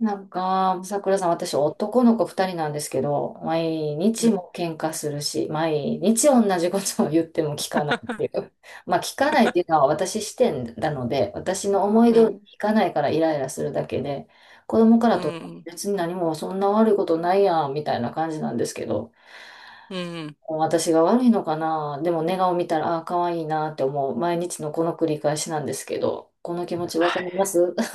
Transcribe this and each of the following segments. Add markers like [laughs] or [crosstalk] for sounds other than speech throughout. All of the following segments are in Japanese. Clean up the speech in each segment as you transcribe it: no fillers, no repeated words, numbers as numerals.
なんか、桜さん、私、男の子二人なんですけど、毎う日ん。も喧嘩するし、毎日同じことを言っても聞かないってい [laughs] う。[laughs] まあ、聞かないっていうのは私視点なので、私の思いう通りにん。聞かないからイライラするだけで、子供かうらとん。別に何もそんな悪いことないやん、みたいな感じなんですけど、うん。私が悪いのかな、でも寝顔見たら、ああ、可愛いなって思う、毎日のこの繰り返しなんですけど、この気持ちはわかりい。ます。 [laughs]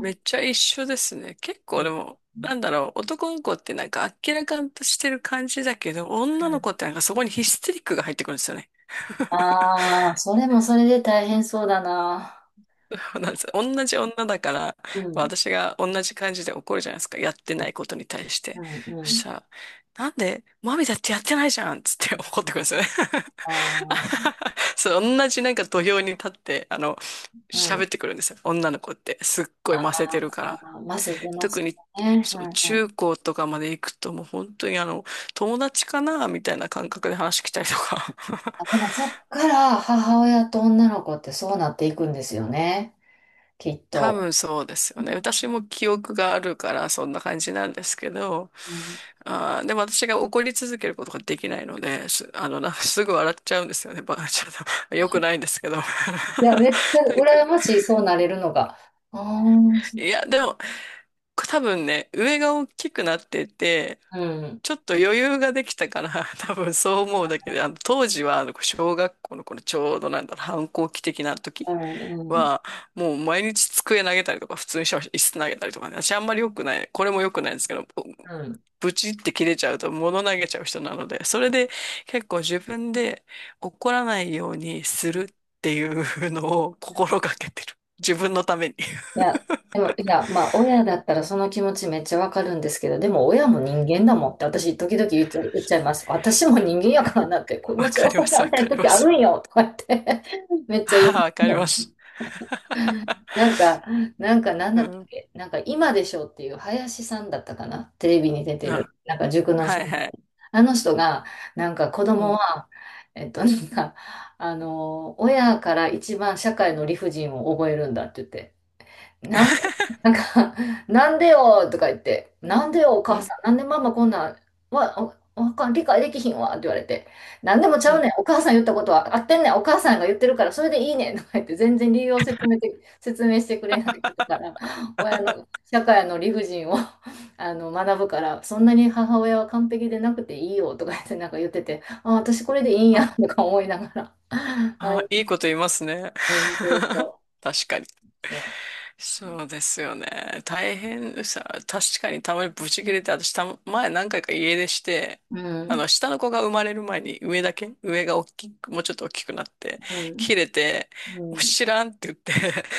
めっちゃ一緒ですね。結構でうも、なんだろう、男の子ってなんか明らかんとしてる感じだけど、女の子ん。ってなんかそこにヒステリックが入ってくるんですよね。[laughs] ああ、それもそれで大変そうだな。そうなんです。同じ女だから、うん、私が同じ感じで怒るじゃないですか。やってないことに対しうて。ん、うそしん。たら、なんで、マミだってやってないじゃんっつって怒ってくるんですよね。ああ、[laughs] そう、同じなんか土俵に立って、あの、う喋ん。ってくるんですよ。女の子って。すっごいあませてるから。あ、ませてま特すに、ね。うそう、んう中ん。高とかまで行くともう本当にあの、友達かなみたいな感覚で話来たりとか。あ、でもそっから母親と女の子ってそうなっていくんですよね、きっ [laughs] 多と。分そうですよね。私も記憶があるからそんな感じなんですけど、うん。あー、でも私が怒り続けることができないので、あの、すぐ笑っちゃうんですよね。ちょっと、[laughs] 良くないんですけど。[laughs] なんいや、めっちゃ羨まか、しい、そうなれるのが。ああ、うん、ういや、でも、多分ね、上が大きくなってて、ん、ちょっと余裕ができたから、[laughs] 多分そう思うだけで、あの、当時は、あの、小学校のこのちょうどなんだろう、反抗期的なう時ん、は、もう毎日机投げたりとか、普通にしてました。椅子投げたりとかね、私あんまり良くない、これも良くないんですけど、うん。ブチって切れちゃうと物投げちゃう人なので、それで結構自分で怒らないようにするっていうのを心がけてる。自分のために。いや、でも、いや、まあ、親だったらその気持ちめっちゃわかるんですけど、でも親も人間だもんって私、時々言っちゃいます。私も人間やからなって、子 [laughs] わ持ちかり抑まえらす、われないかり時まあるす。んよとか言って [laughs] めっちゃ言ああ、わかりまう。す。なんか、[laughs] なんか、なんうだったん、っけ、なんか、今でしょっていう林さんだったかな、テレビに出てあ、る、なんか塾のは先いはい。生。あの人が、なんか子う供ん、は、なんか、あの、親から一番社会の理不尽を覚えるんだって言って。ななん [laughs] か、[laughs] なんでよとか言って、なんでよおう母ん、さん、なんでママこんなん、わかん、理解できひんわって言われて、なんでもちうゃうねん。ん、お母さん言ったことは合ってんねん、お母さんが言ってるからそれでいいねんとか言って、全然理由を説明て、説明してくれないことから、親の、社会の理不尽を [laughs] あの学ぶから、そんなに母親は完璧でなくていいよとか言って、なんか言ってて、あ、私これでいいんやあ、とか思いながら。[laughs] はい、あ、いいこと言いますね。うん、そうそ [laughs] 確かに。う、そう。そうですよね。大変さ、確かにたまにブチ切れて、私たま、前何回か家出して、うあん、の、下の子が生まれる前に上だけ、上が大きく、もうちょっと大きくなって、うん、切れて、うもうん。知らんって言って、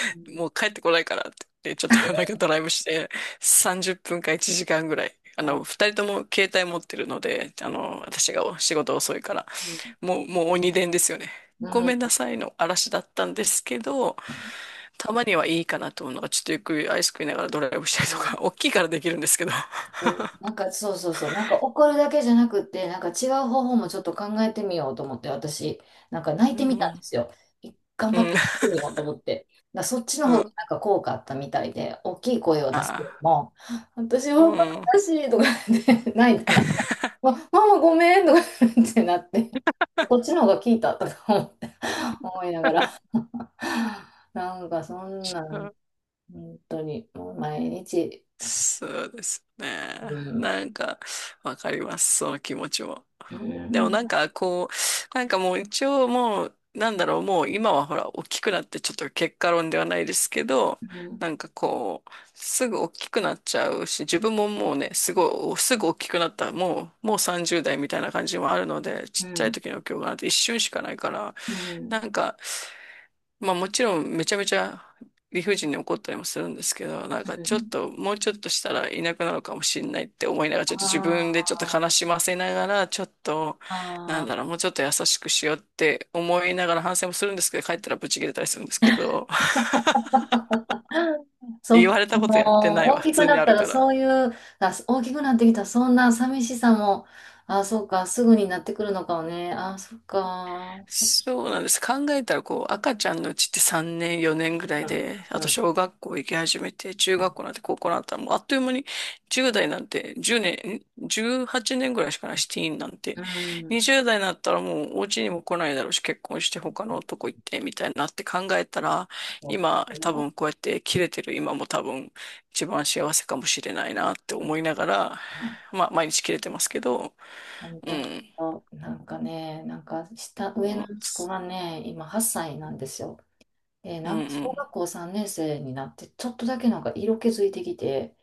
う [laughs] ん、もう帰ってこないからって言って、ちょっと [laughs] なんかドライブして、30分か1時間ぐらい。あの、二人とも携帯持ってるので、あうん、の、私が仕事遅いから、うん、もう鬼伝ですよね。ごめんなさいの嵐だったんですけど、たまにはいいかなと思うのが、ちょっとゆっくりアイス食いながらドライブしたりうとか、ん。 [laughs] 大きいからできるんですけど。なんかそうそうそう、なんか怒るだけじゃなくって、なんか違う方法もちょっと考えてみようと思って、私、なんか泣いうんてみうたんでん。すよ。頑う張ってん。泣いてみようと思って。だからそっち [laughs] のう方がん。なんか効果あったみたいで、大きい声を出すよりあも、私はあ。うん。悲しいとか言って泣いたら、ま、[laughs] ママごめんとか言ってなって、こっちの方が効いたとか思って思いながら、なんかそんなうんん。本当に、もう毎日。そうですうね。ん、なんか、わかります。その気持ちも。うでもん、なんか、こう、なんかもう一応もう、なんだろう、もう今はほら、大きくなってちょっと結果論ではないですけど、うん、なんかこう、すぐ大きくなっちゃうし、自分ももうね、すごい、すぐ大きくなった、もう30代みたいな感じもあるので、うちっちゃいん、時の記憶なんて一瞬しかないから、うん、なんか、まあもちろんめちゃめちゃ理不尽に怒ったりもするんですけど、なんかうちょっん。ともうちょっとしたらいなくなるかもしれないって思いながら、ちょっと自分でちょっと悲あしませながら、ちょっと、なあ、あんだろう、あ。もうちょっと優しくしようって思いながら反省もするんですけど、[laughs] 帰ったらブチ切れたりするんですけど、[laughs] そう言か、われたことやってもなういわ、大普きく通なにっあたるらから。そういう、あ、大きくなってきたらそんな寂しさも、あ、そうか、すぐになってくるのかもね。あ、そっか、そっそうなんです。考えたら、こう、赤ちゃんのうちって3年、4年ぐらいか。で、うあとん、小学校行き始めて、中学校なんて高校なんて、もうあっという間に、10代なんて1年、18年ぐらいしかないし、ティーンなんて。うん、うん。20代になったらもうお家にも来ないだろうし、結婚して他の男行って、みたいになって考えたら、そう今、多か。分こうやって切れてる今も多分一番幸せかもしれないなって思いながら、うん。まあ、毎日切れてますけど、本う当、ん。なんかね、なんかう上のん、息子がね、今8歳なんですよ。えーうん、なんかう小ん。学校3年生になって、ちょっとだけなんか色気づいてきて、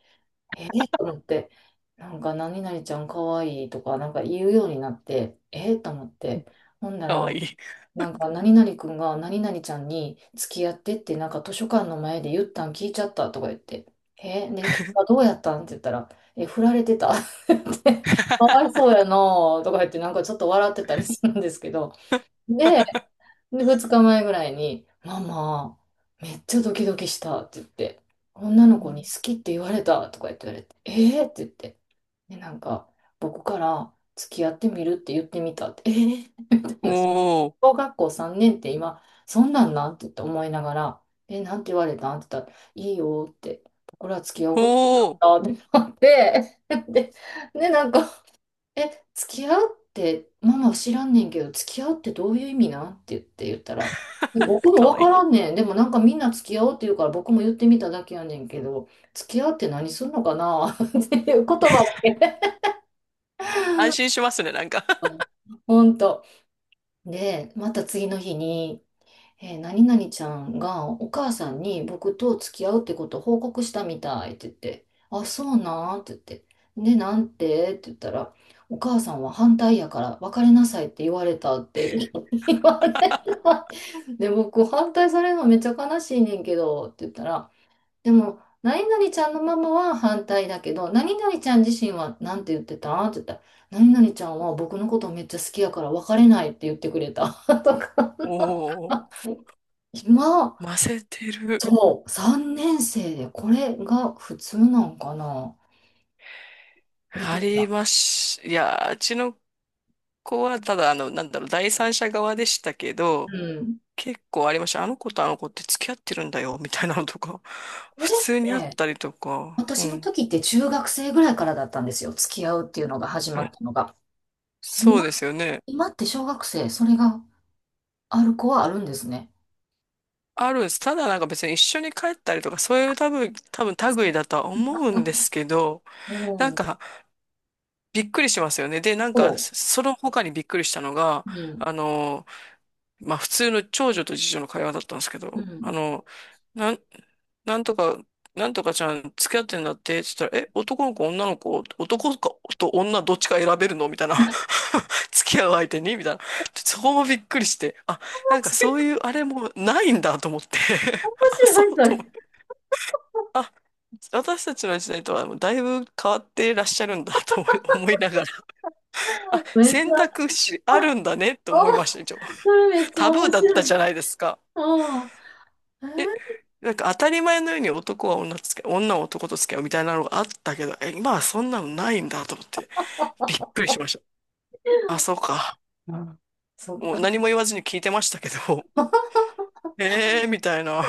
えー、と思って、なんか何々ちゃんかわいいとかなんか言うようになって、えー、と思って、ほんなから、わいい。なんか何々くんが何々ちゃんに付き合ってってなんか図書館の前で言ったん聞いちゃったとか言って、えー、で、結果どうやったんって言ったら、え振られてたって言って [laughs]、かわいそうやなとか言ってなんかちょっと笑ってたりするんですけど、で、で、二日前ぐらいに、ママ、めっちゃドキドキしたって言って、女のう子にん。好きって言われたとか言って言われて、えーって言って、で、なんか、僕から付き合ってみるって言ってみたって、えーってお話。お、小学校3年って今、そんなんなんって言って思いながら、え、なんて言われたんって言ったら、いいよって、僕ら付き合おうって言おお、ったってなって、[laughs] で、で、なんか、え、付き合うって、ママ知らんねんけど、付き合うってどういう意味なんって言ったら、え僕もかわわいからんい。ねん。でもなんかみんな付き合おうって言うから僕も言ってみただけやねんけど、付き合うって何するのかな [laughs] っていう言葉だけ。安心しますね、なんか。[laughs] ほんと。で、また次の日に、えー何々ちゃんがお母さんに僕と付き合うってことを報告したみたいって言って、あ、そうなんって言って、で、なんてって言ったら、お母さんは反対やから別れなさいって言われた。 [laughs] で、僕、反対されるのめっちゃ悲しいねんけど、って言ったら、でも、何々ちゃんのママは反対だけど、何々ちゃん自身はなんて言ってたって言ったら、何々ちゃんは僕のことめっちゃ好きやから別れないって言ってくれた。[laughs] とか、おお、今、ませてる。そう、3年生でこれが普通なんかなみたあいりな。まし、いや、うちの子はただ、あの、なんだろう、第三者側でしたけど、うん。結構ありました。あの子とあの子って付き合ってるんだよ、みたいなのとか、こ普れっ通にあって、たりとか、う私のん。時って中学生ぐらいからだったんですよ、付き合うっていうのが始うまん。ったのが。そう今、ですよね。今って小学生、それがある子はあるんですね。あるんです。ただなんか別に一緒に帰ったりとか、そういう多分、多分類だとは思うんですけど、うなんん。かびっくりしますよね。で、なんそか、その他にびっくりしたのが、う。うん。あの、まあ、普通の長女と次女の会話だったんですけうど、あん。の、なん、なんとか、なんとかちゃん付き合ってんだってって言ったら、え、男の子、女の子、男かと女どっちか選べるのみたいな。[laughs] 付き合う相手にみたいな。そこもびっくりして、あ、なんかそういうあれもないんだと思って、[laughs] 面あ、そう白とい、思そっれ。て。あ、私たちの時代とはもうだいぶ変わってらっしゃるんだと思いながら、あ、めっち選ゃ、択肢あるんだねってあ思いました、一応。それめっちゃタブー面だった白じゃい。ないですか。うん。え、えなんか当たり前のように男は女と付き合う、女は男と付き合うみたいなのがあったけど、え、今はそんなのないんだと思って、びっくりしました。あ、そうー、か。うん。そっもうか。何も言わずに聞いてましたけど、えー、みたいな。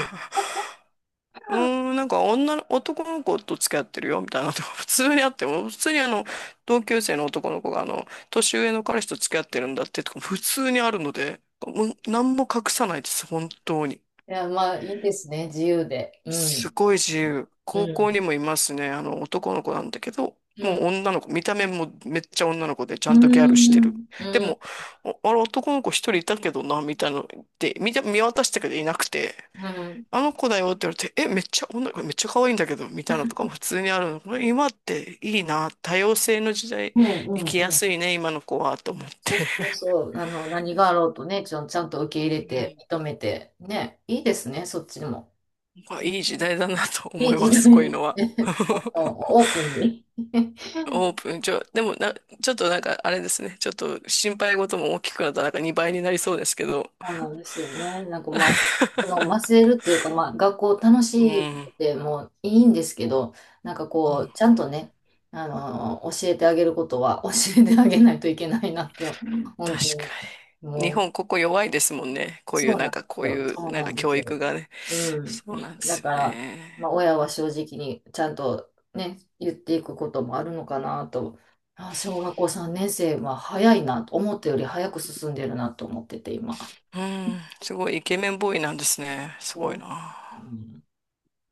うーん、なんか男の子と付き合ってるよみたいなとこ、普通にあっても、普通にあの、同級生の男の子があの、年上の彼氏と付き合ってるんだってとか、普通にあるので、もう何も隠さないです、本当に。いや、まあ、いいですね、自由で。うすん。ごい自由。う高校ん。にもいますね、あの、男の子なんだけど、うもん。う女の子、見た目もめっちゃ女の子でちゃうんとギャルしてる。ん。でうん。も、あれ男の子一人いたけどな、みたいなので、見渡したけどいなくて、うん。あの子だよって言われて、え、めっちゃ女、これめっちゃ可愛いんだけど、みたいなのとかも普通にあるの。これ今っていいな、多様性の時代、うん。生きやうん。すいね、今の子は、と思って。そうそうそう。あの、何があろうとね、ちゃんと受け入れうて、ん、認めて。ね。いいですね、そっちも。まあいい時代だなとい思いい時ま代す、こういうのですね。は。[laughs] あ [laughs] のオープンに。オープン、でもな、ちょっとなんかあれですね、ちょっと心配事も大きくなったらなんか2倍になりそうですけど。そうなんですよね。なんかまあ、その忘 [laughs] れるっていうか、まあ、学校楽うしいっん、てもういいんですけど、なんかうこん。う、ちゃんとね、あの、教えてあげることは [laughs] 教えてあげないといけないなって、本確当かに、に。日もう、本ここ弱いですもんね。こういうそうななんんでかこすうよ。いうそうなんなかんで教す育よ。がね。うん。そうなんでだすかよら、まあ、ね。親は正直にちゃんとね、言っていくこともあるのかなと、あ、小学校3年生は早いなと、思ったより早く進んでるなと思ってて、今。うん、すごいイケメンボーイなんですね。すごいね。な。うん。